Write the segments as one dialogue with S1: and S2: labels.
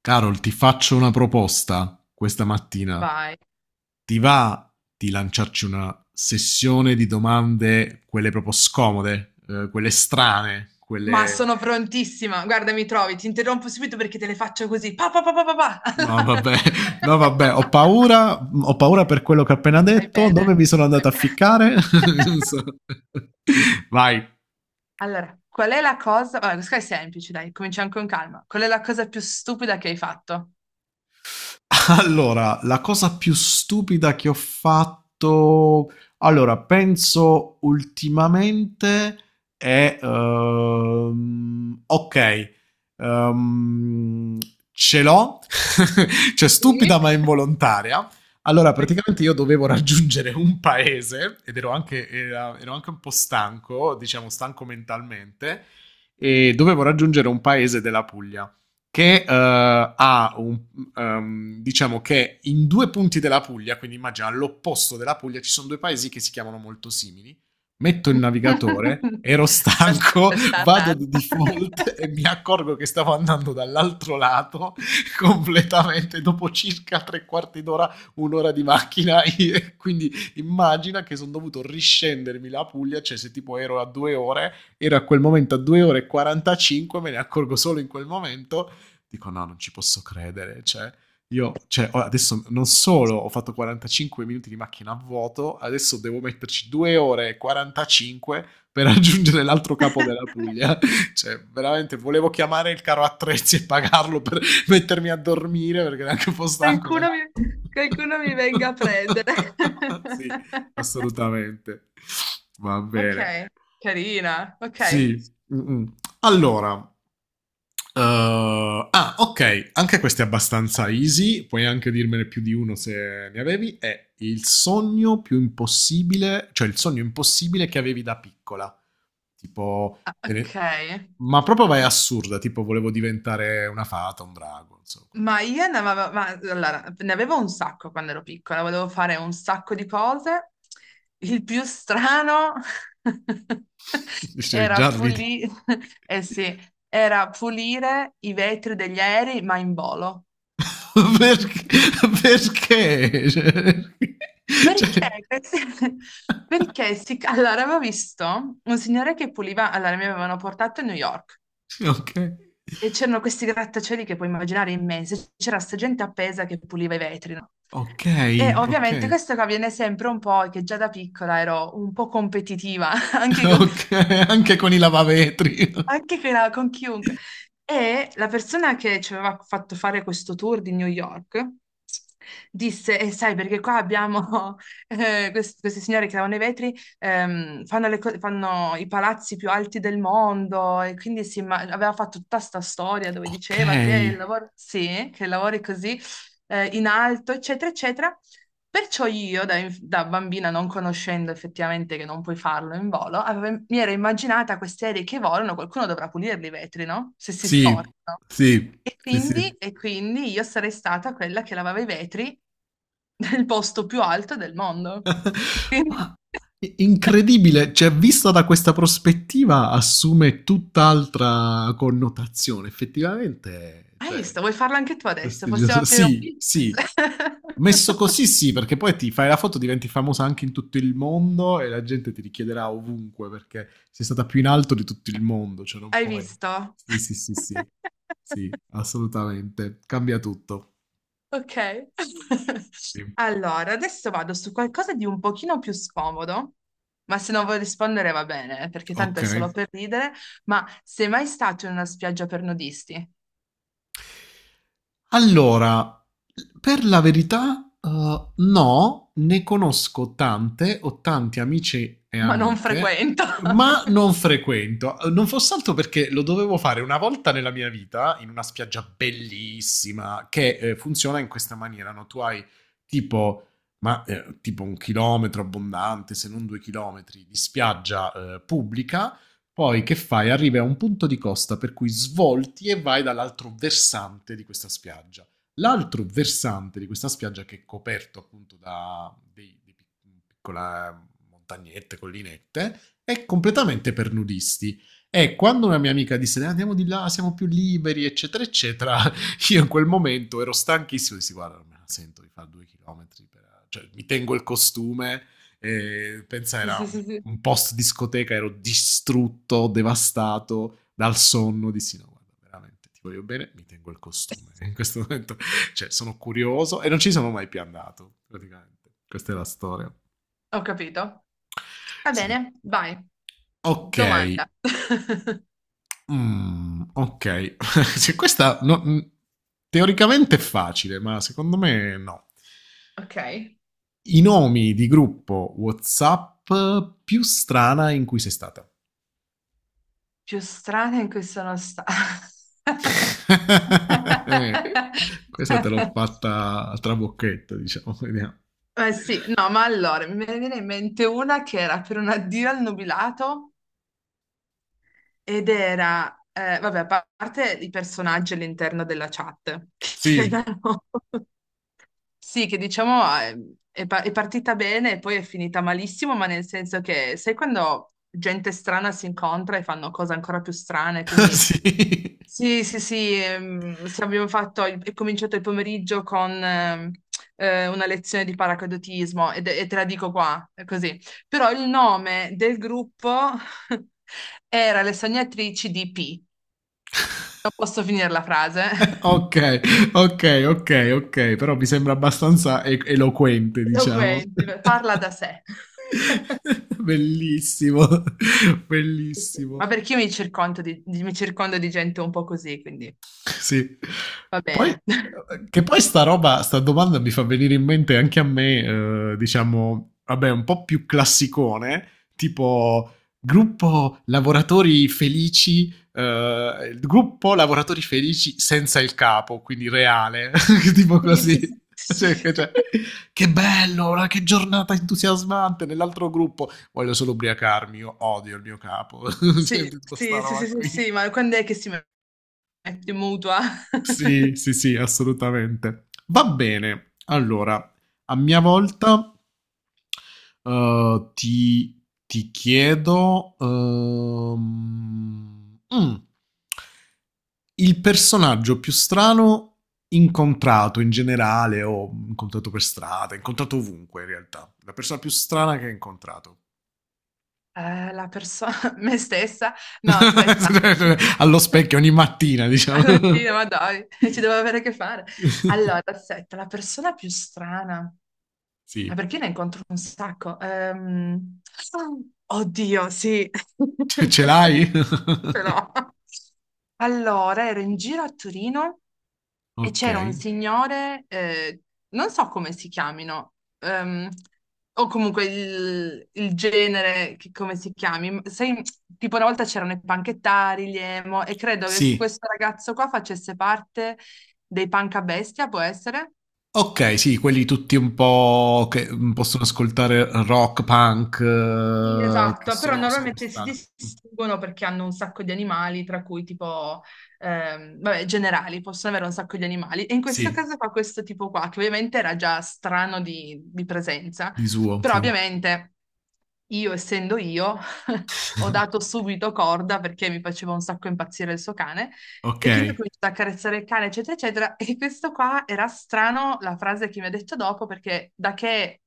S1: Carol, ti faccio una proposta questa mattina.
S2: Vai.
S1: Ti va di lanciarci una sessione di domande, quelle proprio scomode, quelle strane,
S2: Ma
S1: quelle.
S2: sono prontissima. Guarda, mi trovi, ti interrompo subito perché te le faccio così. Pa, pa, pa, pa, pa,
S1: No,
S2: pa.
S1: vabbè, no, vabbè, ho paura per quello che ho appena
S2: Vai
S1: detto, dove
S2: bene.
S1: mi sono
S2: Vai
S1: andato a
S2: bene.
S1: ficcare? Non so. Vai.
S2: Allora, qual è la cosa... Vabbè, questa è semplice, dai, cominciamo con calma. Qual è la cosa più stupida che hai fatto?
S1: Allora, la cosa più stupida che ho fatto, allora, penso ultimamente è, ok, ehm, ce l'ho, cioè
S2: Sì.
S1: stupida ma involontaria. Allora, praticamente io dovevo raggiungere un paese ed ero anche, ero anche un po' stanco, diciamo stanco mentalmente, e dovevo raggiungere un paese della Puglia che ha un, diciamo che in due punti della Puglia, quindi immagina all'opposto della Puglia, ci sono due paesi che si chiamano molto simili. Metto il navigatore, ero
S2: Adesso
S1: stanco,
S2: come sta
S1: vado
S2: andando.
S1: di default e mi accorgo che stavo andando dall'altro lato completamente dopo circa tre quarti d'ora, un'ora di macchina. Quindi immagina che sono dovuto riscendermi la Puglia, cioè se tipo ero a 2 ore, ero a quel momento a 2 ore e 45. Me ne accorgo solo in quel momento, dico no, non ci posso credere, cioè io, cioè, ora, adesso non solo ho fatto 45 minuti di macchina a vuoto, adesso devo metterci 2 ore e 45 per raggiungere l'altro capo della Puglia. Cioè, veramente volevo chiamare il caro attrezzi e pagarlo per mettermi a dormire perché era anche un po' stanco.
S2: Qualcuno mi, qualcuno mi venga a prendere.
S1: Sì, assolutamente. Va
S2: Ok,
S1: bene.
S2: carina. Ok.
S1: Sì. Mm, mm. Allora, Uh, ah, ok, anche questo è abbastanza easy, puoi anche dirmene più di uno se ne avevi, è il sogno più impossibile, cioè il sogno impossibile che avevi da piccola. Tipo,
S2: Ah, ok.
S1: ma proprio vai assurda, tipo volevo diventare una fata, un drago, insomma.
S2: Ma io ne avevo, ma, allora, ne avevo un sacco quando ero piccola, volevo fare un sacco di cose. Il più strano
S1: Cioè,
S2: era
S1: già ridi.
S2: pulire, eh sì, era pulire i vetri degli aerei, ma in volo.
S1: Perché? Perché? Cioè, cioè-
S2: Perché? Perché si... Allora, avevo visto un signore che puliva, allora mi avevano portato a New York.
S1: ok,
S2: E c'erano questi grattacieli che puoi immaginare immensi, c'era sta gente appesa che puliva i vetri, no?
S1: ok,
S2: E
S1: ok.
S2: ovviamente questo che avviene sempre un po' è che già da piccola ero un po' competitiva,
S1: Ok, anche con i lavavetri.
S2: anche con con chiunque. E la persona che ci aveva fatto fare questo tour di New York disse, e sai perché qua abbiamo queste signore che lavano i vetri, fanno, fanno i palazzi più alti del mondo e quindi aveva fatto tutta sta storia dove
S1: Ok.
S2: diceva che il lavoro, sì, che lavori così in alto, eccetera, eccetera. Perciò io, da bambina, non conoscendo effettivamente che non puoi farlo in volo, mi ero immaginata queste aerei che volano, qualcuno dovrà pulirli i vetri, no? Se si
S1: Sì,
S2: storcono.
S1: sì,
S2: E
S1: sì,
S2: quindi,
S1: sì.
S2: e quindi io sarei stata quella che lavava i vetri nel posto più alto del mondo. Quindi-
S1: Ma incredibile, cioè vista da questa prospettiva assume tutt'altra connotazione, effettivamente,
S2: Hai
S1: cioè
S2: visto? Vuoi farlo anche tu adesso? Possiamo
S1: prestigioso.
S2: aprire un
S1: Sì,
S2: business.
S1: sì. Messo così sì, perché poi ti fai la foto, diventi famosa anche in tutto il mondo e la gente ti richiederà ovunque perché sei stata più in alto di tutto il mondo, cioè non
S2: Hai
S1: puoi.
S2: visto?
S1: Sì, sì, sì, sì. Sì, assolutamente. Cambia tutto.
S2: Ok.
S1: Sì.
S2: Allora, adesso vado su qualcosa di un pochino più scomodo, ma se non vuoi rispondere va bene, perché tanto
S1: Ok.
S2: è solo per ridere, ma sei mai stato in una spiaggia per nudisti?
S1: Allora, per la verità, no, ne conosco tante, ho tanti amici e
S2: Ma non
S1: amiche,
S2: frequento.
S1: ma non frequento. Non fosse altro perché lo dovevo fare una volta nella mia vita in una spiaggia bellissima che, funziona in questa maniera. No, tu hai tipo tipo 1 chilometro abbondante, se non 2 chilometri di spiaggia pubblica. Poi che fai? Arrivi a un punto di costa per cui svolti e vai dall'altro versante di questa spiaggia. L'altro versante di questa spiaggia, che è coperto appunto da dei piccole montagnette, collinette, è completamente per nudisti. E quando una mia amica disse: andiamo di là, siamo più liberi, eccetera, eccetera", io in quel momento ero stanchissimo, dissi guarda, non me la sento di fare 2 chilometri, cioè mi tengo il costume. E, pensa,
S2: Sì,
S1: era
S2: sì,
S1: un,
S2: sì, sì.
S1: post discoteca, ero distrutto, devastato dal sonno. Dissi no, guarda, veramente ti voglio bene, mi tengo il costume. In questo momento, cioè, sono curioso e non ci sono mai più andato, praticamente. Questa è la storia.
S2: Ho capito. Va
S1: Sì.
S2: bene, vai.
S1: Ok.
S2: Domanda.
S1: Mm, ok. Se questa no, teoricamente è facile, ma secondo me no.
S2: Ok.
S1: I nomi di gruppo WhatsApp più strana in cui sei stata.
S2: Più strana in cui sono stata.
S1: Questa te l'ho fatta a trabocchetto, diciamo, vediamo.
S2: Eh sì, no, ma allora me ne viene in mente una che era per un addio al nubilato ed era, vabbè, a parte i personaggi all'interno della chat, che
S1: Sì,
S2: erano sì, che diciamo è, è partita bene e poi è finita malissimo, ma nel senso che sai quando gente strana si incontra e fanno cose ancora più strane, quindi
S1: sì.
S2: sì, sì, sì, sì, abbiamo fatto, è cominciato il pomeriggio con una lezione di paracadutismo e, te la dico qua, è così. Però il nome del gruppo era Le Sognatrici di P. Non posso finire la frase.
S1: Ok, ok, ok, ok, però mi sembra abbastanza eloquente, diciamo.
S2: Eloquente, parla da sé.
S1: Bellissimo,
S2: Ma
S1: bellissimo.
S2: perché io mi circondo di, mi circondo di gente un po' così, quindi
S1: Sì.
S2: va
S1: Poi,
S2: bene.
S1: che poi sta roba, sta domanda mi fa venire in mente anche a me, diciamo, vabbè, un po' più classicone, tipo gruppo lavoratori felici, il gruppo lavoratori felici senza il capo, quindi reale, tipo
S2: Sì,
S1: così.
S2: sì,
S1: Cioè,
S2: sì,
S1: cioè, che bello, ora che giornata entusiasmante nell'altro gruppo. Voglio solo ubriacarmi, io odio il mio capo. Cioè,
S2: sì,
S1: tutta sta
S2: sì, sì,
S1: roba
S2: sì, sì, sì,
S1: qui.
S2: sì, ma quando è che si mette in mutua?
S1: Sì, sì, sì, assolutamente. Va bene. Allora, a mia volta, ti chiedo, il personaggio più strano incontrato in generale, o incontrato per strada, incontrato ovunque in realtà. La persona più strana che hai incontrato.
S2: La persona, me stessa? No, aspetta.
S1: Allo specchio ogni mattina, diciamo.
S2: Alla fine, ma dai, ci devo avere a che fare. Allora, aspetta, la persona più strana. Ma
S1: Sì,
S2: perché ne incontro un sacco? Oddio, sì.
S1: ce l'hai?
S2: però. Allora, ero in giro a Torino e
S1: Ok.
S2: c'era un signore, non so come si chiamino, o comunque il genere, come si chiami, sai, tipo una volta c'erano i panchettari, gli emo, e credo che
S1: Sì.
S2: questo ragazzo qua facesse parte dei panca bestia, può essere?
S1: Ok, sì, quelli tutti un po' che possono ascoltare rock, punk,
S2: Sì,
S1: che
S2: esatto, però
S1: sono per
S2: normalmente si
S1: strada.
S2: distinguono perché hanno un sacco di animali, tra cui tipo, vabbè, generali, possono avere un sacco di animali. E in questo
S1: Sì,
S2: caso fa questo tipo qua, che ovviamente era già strano di presenza,
S1: di suo,
S2: però
S1: sì.
S2: ovviamente io, essendo io, ho dato subito corda perché mi faceva un sacco impazzire il suo cane
S1: Ok.
S2: e quindi ho cominciato a accarezzare il cane, eccetera, eccetera. E questo qua era strano, la frase che mi ha detto dopo, perché da che,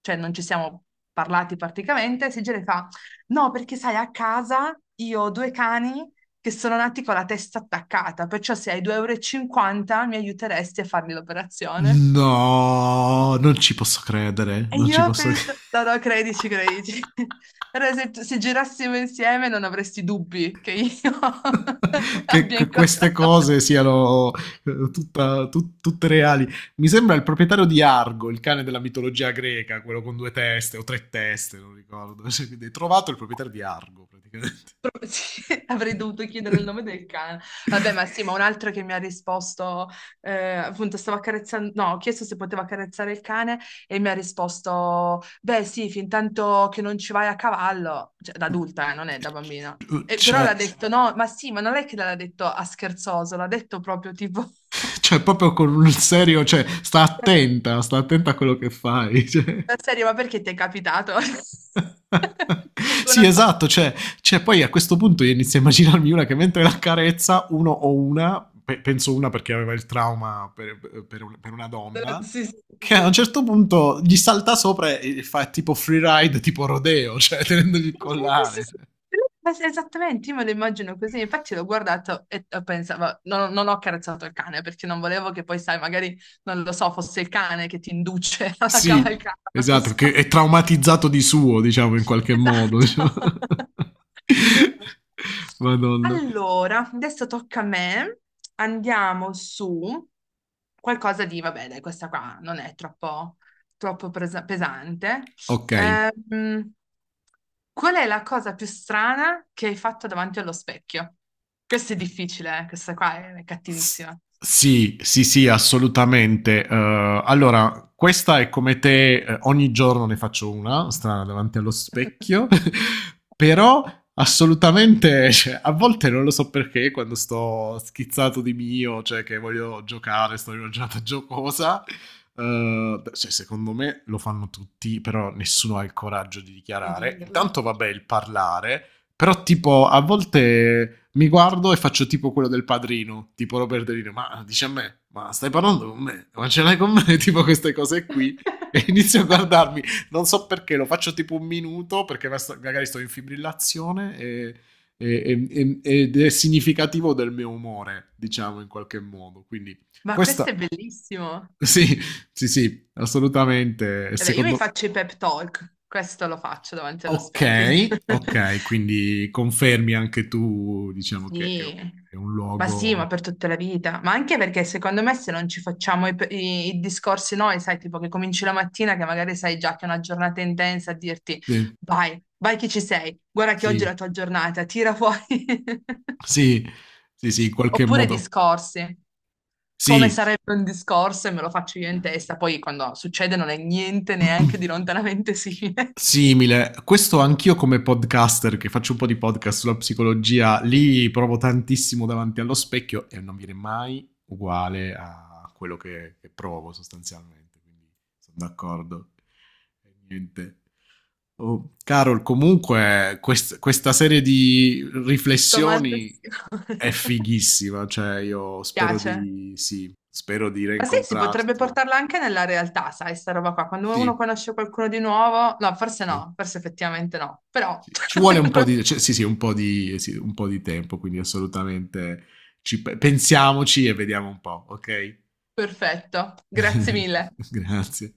S2: cioè, non ci siamo parlati praticamente, si gira e fa, no, perché sai, a casa io ho due cani che sono nati con la testa attaccata, perciò se hai 2,50 euro e cinquanta mi aiuteresti a fargli l'operazione.
S1: No, non ci posso credere,
S2: E
S1: non
S2: io
S1: ci
S2: ho
S1: posso credere.
S2: pensato, no, no, credici, credici. Allora, se girassimo insieme non avresti dubbi che io
S1: Che,
S2: abbia
S1: che queste
S2: incontrato...
S1: cose siano tutte reali. Mi sembra il proprietario di Argo, il cane della mitologia greca, quello con due teste o tre teste, non ricordo. Cioè, quindi hai trovato il proprietario di Argo, praticamente.
S2: Sì, avrei dovuto chiedere il nome del cane. Vabbè, ma sì, ma un altro che mi ha risposto, appunto, stavo accarezzando, no, ho chiesto se poteva accarezzare il cane e mi ha risposto, beh, sì, fin tanto che non ci vai a cavallo, cioè da adulta, non è da bambina. E, però l'ha
S1: Cioè,
S2: detto, no, ma sì, ma non è che l'ha detto a scherzoso, l'ha detto proprio tipo,
S1: cioè, proprio con un serio, cioè, sta attenta a quello che fai. Cioè.
S2: la serie, ma perché ti è capitato? Ecco
S1: Sì,
S2: una cosa
S1: esatto, cioè, poi a questo punto io inizio a immaginarmi una che mentre la carezza, uno o una, penso una perché aveva il trauma per, per una donna,
S2: sì, sì,
S1: che a un
S2: sì.
S1: certo punto gli salta sopra e fa tipo free ride, tipo rodeo, cioè tenendogli il
S2: Sì, sì, sì, sì,
S1: collare.
S2: sì.
S1: Cioè.
S2: Ma sì, esattamente, io me lo immagino così, infatti l'ho guardato e pensavo, non, non ho carezzato il cane perché non volevo che poi, sai, magari, non lo so, fosse il cane che ti induce alla
S1: Sì,
S2: cavalcata, non lo
S1: esatto,
S2: so.
S1: che è traumatizzato di suo, diciamo, in qualche modo. Diciamo.
S2: Esatto. Esatto.
S1: Madonna.
S2: Allora, adesso tocca a me. Andiamo su qualcosa di, vabbè, dai, questa qua non è troppo, pesante.
S1: Ok.
S2: Ehm, qual è la cosa più strana che hai fatto davanti allo specchio? Questo è difficile, questa qua è
S1: S-
S2: cattivissima.
S1: Sì, sì, sì, assolutamente. Allora, questa è come te, ogni giorno ne faccio una, strana, davanti allo specchio, però assolutamente, cioè, a volte non lo so perché, quando sto schizzato di mio, cioè che voglio giocare, sto in una giornata giocosa, cioè, secondo me lo fanno tutti, però nessuno ha il coraggio di
S2: Di
S1: dichiarare.
S2: dirlo.
S1: Intanto, vabbè, il parlare. Però tipo a volte mi guardo e faccio tipo quello del padrino, tipo Robert De Niro, ma dice a me, ma stai parlando con me, ma ce l'hai con me, tipo queste cose qui. E inizio a guardarmi, non so perché, lo faccio tipo un minuto perché magari sto in fibrillazione e- ed è significativo del mio umore, diciamo in qualche modo. Quindi
S2: Ma
S1: questa,
S2: questo è bellissimo.
S1: sì, sì, sì, assolutamente,
S2: Vabbè, io mi
S1: secondo.
S2: faccio i pep talk, questo lo faccio davanti allo specchio.
S1: Okay, okay, quindi confermi anche tu, diciamo che è u
S2: Sì,
S1: è un
S2: sì, ma
S1: luogo,
S2: per tutta la vita, ma anche perché secondo me se non ci facciamo i, i discorsi noi, sai, tipo che cominci la mattina che magari sai già che è una giornata intensa a dirti
S1: sì,
S2: vai, vai che ci sei, guarda che oggi è
S1: sì,
S2: la tua giornata, tira fuori.
S1: sì, sì, sì, in qualche
S2: Oppure
S1: modo,
S2: discorsi, come
S1: sì.
S2: sarebbe un discorso e me lo faccio io in testa, poi quando succede non è niente neanche di lontanamente simile.
S1: Simile, questo anch'io come podcaster che faccio un po' di podcast sulla psicologia, lì provo tantissimo davanti allo specchio e non viene mai uguale a quello che provo sostanzialmente, quindi sono d'accordo. E niente. Oh, Carol, comunque questa serie di
S2: Domanda
S1: riflessioni
S2: sì.
S1: è fighissima, cioè io spero
S2: Piace?
S1: di sì, spero di
S2: Ma sì, si potrebbe
S1: reincontrarti.
S2: portarla anche nella realtà, sai, sta roba qua. Quando uno
S1: Sì,
S2: conosce qualcuno di nuovo, no, forse
S1: sì.
S2: no, forse effettivamente no, però
S1: Sì, ci vuole un po' di, cioè, sì, sì, un po' di, sì, un po' di tempo, quindi assolutamente ci pensiamoci e vediamo un po', ok?
S2: perfetto, grazie mille.
S1: Grazie.